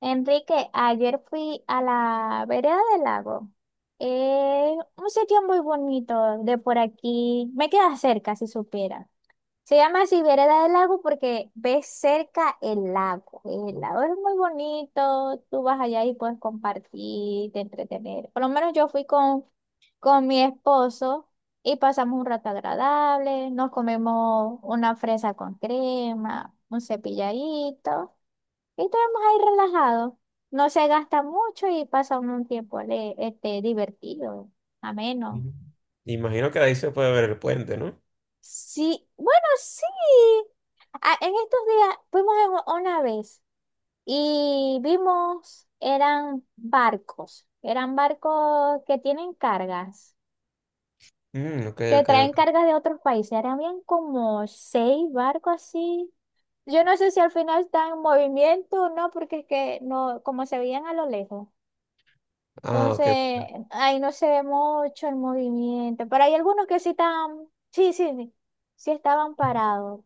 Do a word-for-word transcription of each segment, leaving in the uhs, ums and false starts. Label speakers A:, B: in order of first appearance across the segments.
A: Enrique, ayer fui a la vereda del lago. Eh, un sitio muy bonito de por aquí. Me queda cerca, si supiera. Se llama así vereda del lago porque ves cerca el lago. El lago es muy bonito. Tú vas allá y puedes compartir, te entretener. Por lo menos yo fui con, con mi esposo y pasamos un rato agradable. Nos comemos una fresa con crema, un cepilladito. Y estamos ahí relajados. No se gasta mucho y pasa uno un tiempo ale- este, divertido, ameno.
B: Mm. Imagino que de ahí se puede ver el puente, ¿no?
A: Sí, bueno, sí. Ah, en estos días fuimos en u- una vez y vimos, eran barcos, eran barcos que tienen cargas,
B: Mm, ok,
A: que
B: ok,
A: traen
B: ok.
A: cargas de otros países. Eran bien como seis barcos así. Yo no sé si al final están en movimiento o no, porque es que no, como se veían a lo lejos.
B: Ah, ok.
A: Entonces, ahí no se ve mucho el movimiento. Pero hay algunos que sí estaban, sí, sí, sí, sí estaban parados.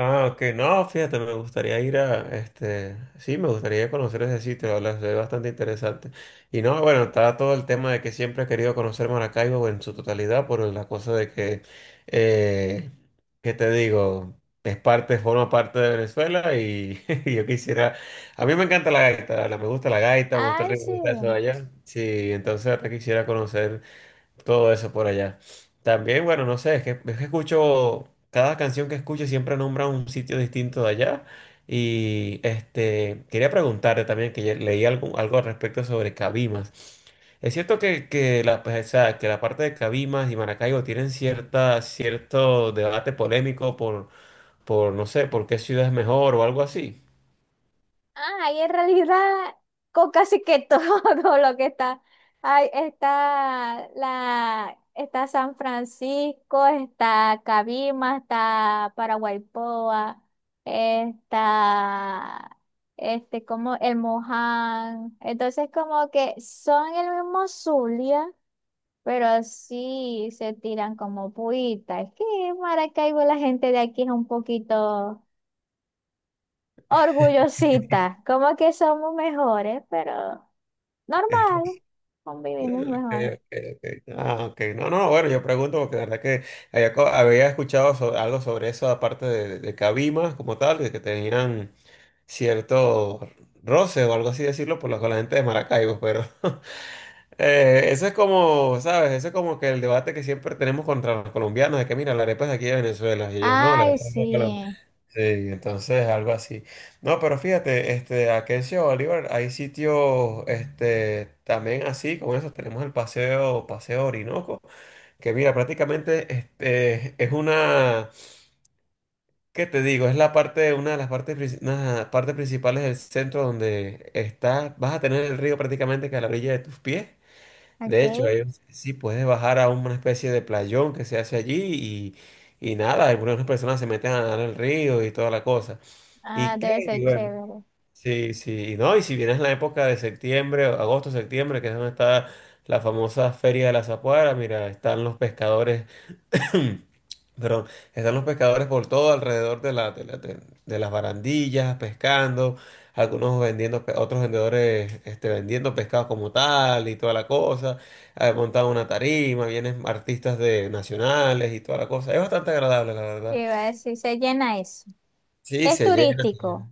B: Ah, ok. No, fíjate, me gustaría ir a, este, sí, me gustaría conocer ese sitio, la verdad, se ve bastante interesante. Y no, bueno, está todo el tema de que siempre he querido conocer Maracaibo en su totalidad por la cosa de que, eh, ¿qué te digo? Es parte, forma parte de Venezuela y, y yo quisiera, a mí me encanta la gaita, la- me gusta la gaita, me gusta el
A: Ay,
B: ritmo
A: sí.
B: de allá. Sí, entonces hasta quisiera conocer. Todo eso por allá. También, bueno, no sé, es que, es que escucho, cada canción que escucho siempre nombra un sitio distinto de allá. Y este, quería preguntarte también, que ya leí algo, algo al respecto sobre Cabimas. ¿Es cierto que, que, la, pues, o sea, que la parte de Cabimas y Maracaibo tienen cierta, cierto debate polémico por, por, no sé, por qué ciudad es mejor o algo así?
A: Ah, ahí en realidad, con casi que todo lo que está. Ahí está la, está San Francisco, está Cabima, está Paraguaypoa, está este como el Moján. Entonces, como que son el mismo Zulia. Pero así se tiran como puita. Es que en Maracaibo la gente de aquí es un poquito orgullosita. Como que somos mejores, pero normal. Convivimos
B: Okay,
A: mejor.
B: okay, okay. Ah, ok. No, no, bueno, yo pregunto porque la verdad que había, co- había escuchado so- algo sobre eso, aparte de, de Cabimas como tal, de que tenían cierto roce o algo así decirlo por la, con la gente de Maracaibo, pero eh, eso es como, ¿sabes? Eso es como que el debate que siempre tenemos contra los colombianos, de que mira, la arepa es de aquí de Venezuela, y ellos no, la
A: Ay,
B: arepa es de Colombia.
A: sí.
B: Sí, entonces algo así. No, pero fíjate, este, aquí en Ciudad Bolívar hay sitios, este, también así, como eso tenemos el paseo, paseo Orinoco, que mira, prácticamente, este, es una, ¿qué te digo? Es la parte, una de las partes, princi- una de las partes principales del centro donde estás, vas a tener el río prácticamente que a la orilla de tus pies. De hecho,
A: Ok.
B: ahí sí puedes bajar a una especie de playón que se hace allí y, y nada, algunas personas se meten a nadar al río y toda la cosa.
A: Ah,
B: ¿Y qué?
A: debe
B: Y
A: ser
B: bueno,
A: chévere. Yo
B: sí, sí, no, y si vienes la época de septiembre, agosto, septiembre, que es donde está la famosa Feria de la Zapuara, mira, están los pescadores, perdón, están los pescadores por todo alrededor de la, de la- de- de las barandillas, pescando, algunos vendiendo, pe- otros vendedores este, vendiendo pescado como tal y toda la cosa, eh, montan una tarima, vienen artistas de nacionales y toda la cosa, es bastante agradable, la verdad.
A: iba a decir, se llena eso.
B: Sí,
A: Es
B: se llena.
A: turístico.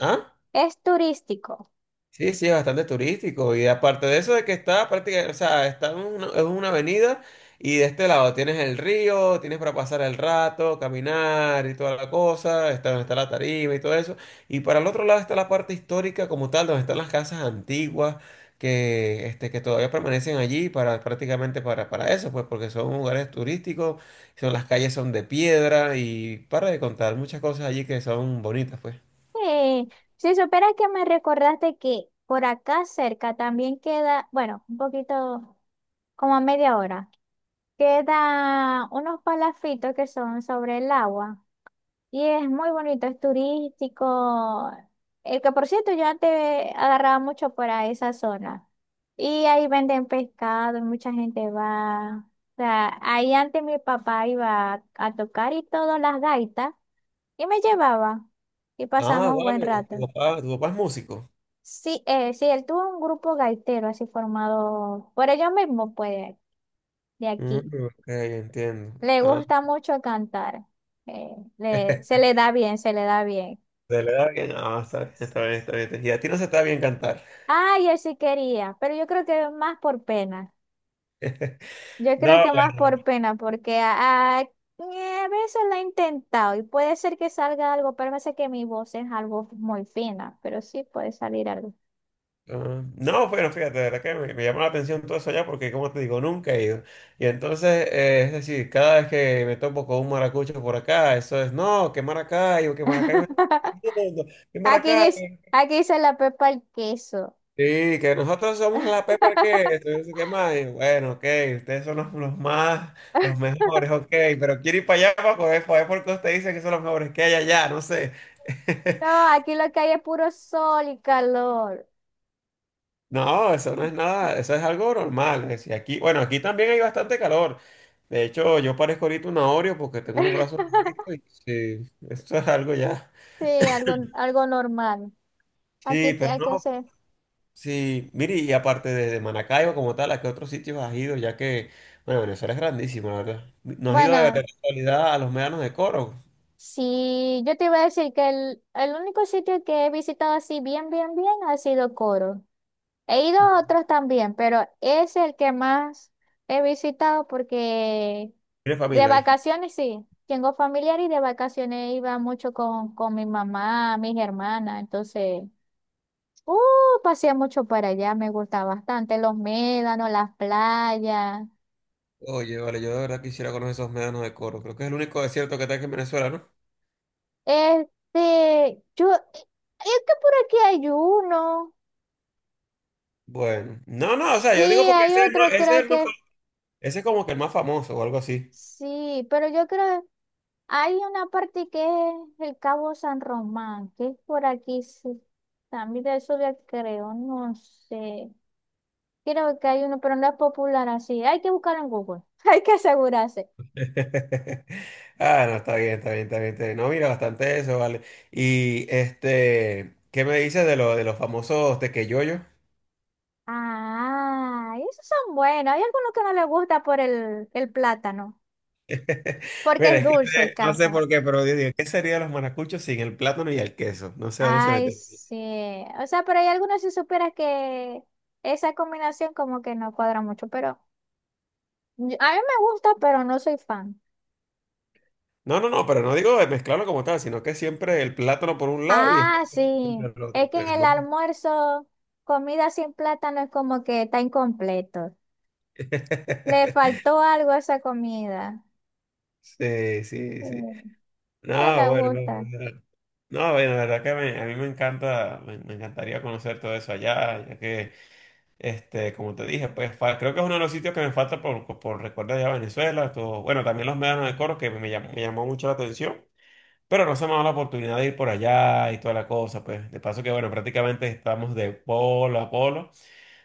B: ¿Ah?
A: Es turístico.
B: Sí, sí, es bastante turístico y aparte de eso de que está prácticamente, o sea, está en una, es una avenida y de este lado tienes el río, tienes para pasar el rato, caminar y toda la cosa, está donde está la tarima y todo eso, y para el otro lado está la parte histórica como tal, donde están las casas antiguas que, este, que todavía permanecen allí para prácticamente para, para eso, pues porque son lugares turísticos, son, las calles son de piedra y para de contar muchas cosas allí que son bonitas, pues.
A: Sí. Si supieras que me recordaste que por acá cerca también queda, bueno, un poquito como a media hora. Quedan unos palafitos que son sobre el agua y es muy bonito, es turístico. El que por cierto yo antes agarraba mucho para esa zona y ahí venden pescado y mucha gente va. O sea, ahí antes mi papá iba a tocar y todas las gaitas y me llevaba y
B: Ah,
A: pasamos buen
B: vale, tu
A: rato.
B: papá, tu papá es músico.
A: Sí, eh, sí, él tuvo un grupo gaitero así formado por ellos mismos, pues, de
B: Mm,
A: aquí.
B: ok, entiendo.
A: Le
B: Ah,
A: gusta mucho cantar. eh, le- Se le da bien, se le da bien.
B: de la edad que no, está bien, está bien, está bien. Y a ti no se está bien cantar.
A: Ay, yo sí quería, pero yo creo que más por pena. Yo creo
B: No,
A: que más
B: bueno,
A: por pena, porque a, a- a veces lo he intentado y puede ser que salga algo, pero me sé que mi voz es algo muy fina, pero sí puede salir algo.
B: ah, no, bueno, fíjate, de verdad que me, me llamó la atención todo eso allá porque, como te digo, nunca he ido. Y entonces, eh, es decir, cada vez que me topo con un maracucho por acá, eso es, no, que Maracaibo, que Maracaibo es el mundo, que
A: Aquí dice,
B: Maracaibo.
A: aquí dice la pepa el queso.
B: Sí, que nosotros somos la Pepper que, entonces, ¿qué más? Y bueno, ok, ustedes son los, los más, los mejores, ok, pero quiero ir para allá para poder, para ver por qué ustedes dicen que son los mejores que hay allá, no sé.
A: No, aquí lo que hay es puro sol y calor.
B: No, eso no es nada, eso es algo normal. Es decir, aquí, bueno, aquí también hay bastante calor. De hecho, yo parezco ahorita un Oreo porque tengo los brazos negritos y sí, eso es algo ya.
A: Sí, algo, algo normal. Aquí
B: Sí,
A: te-
B: pero
A: hay que
B: no.
A: hacer.
B: Sí, mire, y aparte de, de Maracaibo como tal, ¿a qué otros sitios has ido? Ya que, bueno, Venezuela es grandísimo, la verdad. ¿No has ido de, de
A: Bueno,
B: casualidad a los médanos de Coro?
A: sí, yo te iba a decir que el, el único sitio que he visitado así bien, bien, bien ha sido Coro. He ido a otros también, pero es el que más he visitado porque
B: ¿Tienes
A: de
B: familia ahí?
A: vacaciones sí. Tengo familiar y de vacaciones iba mucho con, con mi mamá, mis hermanas. Entonces, uh, pasé mucho para allá, me gusta bastante. Los médanos, las playas.
B: Oye, vale, yo de verdad quisiera conocer esos médanos de Coro. Creo que es el único desierto que está aquí en Venezuela, ¿no?
A: Este, yo, es que por aquí hay uno.
B: Bueno, no, no, o sea,
A: Sí,
B: yo digo porque
A: hay
B: ese es, el
A: otro,
B: más- ese
A: creo
B: es el más fa-
A: que
B: ese es como que el más famoso o algo así.
A: sí, pero yo creo hay una parte que es el Cabo San Román, que es por aquí, sí. También de eso ya creo, no sé. Creo que hay uno, pero no es popular así. Hay que buscar en Google, hay que asegurarse.
B: Ah, no, está bien, está bien, está bien, está bien. No, mira, bastante eso, vale. Y este, ¿qué me dices de, lo, de los famosos tequeyoyos?
A: Ah, y esos son buenos. Hay algunos que no les gusta por el, el plátano, porque
B: Mira,
A: es
B: es que
A: dulce y
B: te- no sé
A: cansa.
B: por qué, pero yo digo, ¿qué sería los maracuchos sin el plátano y el queso? No sé dónde se
A: Ay,
B: meten.
A: sí. O sea, pero hay algunos si supieras que esa combinación como que no cuadra mucho, pero yo- a mí me gusta, pero no soy fan.
B: No, no, no, pero no digo de mezclarlo como tal, sino que siempre el plátano por un lado y está
A: Ah,
B: el queso
A: sí.
B: siempre al
A: Es
B: otro,
A: que en
B: pues
A: el
B: no.
A: almuerzo, comida sin plátano es como que está incompleto. Le faltó algo a esa comida.
B: Sí, sí,
A: Sí,
B: sí.
A: que
B: No,
A: me
B: bueno, no,
A: gusta.
B: no, no, bueno, la verdad que me- a mí me encanta, me, me encantaría conocer todo eso allá, ya que, este, como te dije, pues fa- creo que es uno de los sitios que me falta por, por recordar allá Venezuela, todo, bueno, también los médanos de Coro, que me llamó, me llamó mucho la atención. Pero no se me ha dado la oportunidad de ir por allá y toda la cosa, pues. De paso que, bueno, prácticamente estamos de polo a polo.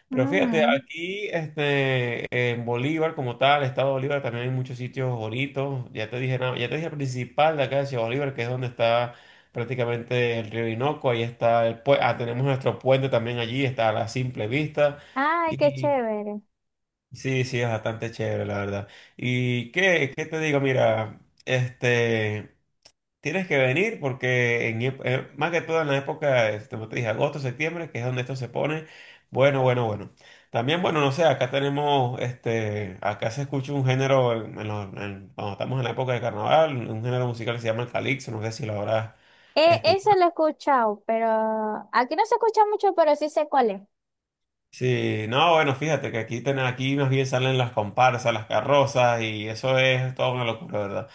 B: Pero fíjate,
A: Ujú.
B: aquí este, en Bolívar, como tal, Estado Bolívar, también hay muchos sitios bonitos. Ya te dije, nada- ya te dije el principal de acá de Ciudad Bolívar, que es donde está prácticamente el río Orinoco. Ahí está el puente. Ah, tenemos nuestro puente también allí, está a la simple vista.
A: Ay, qué
B: Y
A: chévere.
B: sí, sí, es bastante chévere, la verdad. ¿Y qué, qué te digo? Mira, este. Tienes que venir porque en, ep- eh, más que todo en la época, este, como te dije, agosto, septiembre, que es donde esto se pone bueno, bueno, bueno. También, bueno, no sé, acá tenemos, este, acá se escucha un género, en- en los- en- cuando estamos en la época de carnaval, un género musical que se llama el calipso, no sé si lo habrás
A: E- eso
B: escuchado.
A: lo he escuchado, pero aquí no se escucha mucho, pero sí sé cuál es,
B: Sí, no, bueno, fíjate que aquí, ten- aquí más bien salen las comparsas, las carrozas y eso es toda una locura, ¿verdad?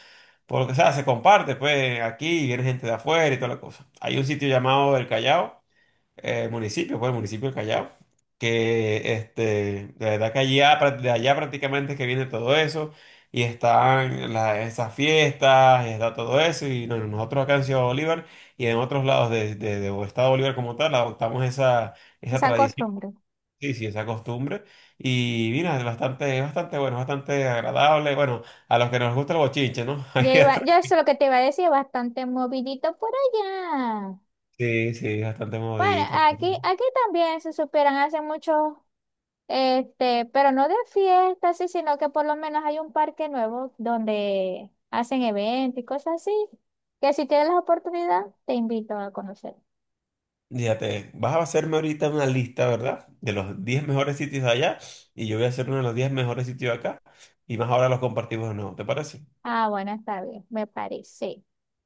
B: Porque, o sea, se comparte, pues, aquí viene gente de afuera y toda la cosa. Hay un sitio llamado El Callao eh, municipio, pues el municipio del Callao, que este, de verdad que allá, pra- de allá prácticamente es que viene todo eso, y están la- esas fiestas, y está todo eso, y no- nosotros acá en Ciudad Bolívar y en otros lados de, de, de Estado Bolívar como tal, adoptamos esa, esa
A: esa
B: tradición,
A: costumbre.
B: sí, sí, esa costumbre, y mira, es bastante, es bastante bueno, bastante agradable, bueno, a los que nos gusta el bochinche, ¿no? Ahí
A: Yo iba,
B: está.
A: yo eso es lo que te iba a decir, bastante movidito por allá.
B: Sí, sí, bastante
A: Bueno,
B: movidito.
A: aquí, aquí también se superan hace mucho, este, pero no de fiestas, sí, sino que por lo menos hay un parque nuevo donde hacen eventos y cosas así. Que si tienes la oportunidad, te invito a conocer.
B: Fíjate, vas a hacerme ahorita una lista, ¿verdad? De los diez mejores sitios de allá y yo voy a hacer uno de los diez mejores sitios de acá y más ahora los compartimos de nuevo, ¿te parece?
A: Ah, bueno, está bien, me parece.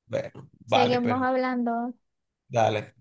B: Bueno, vale,
A: Seguimos
B: pero
A: hablando.
B: dale.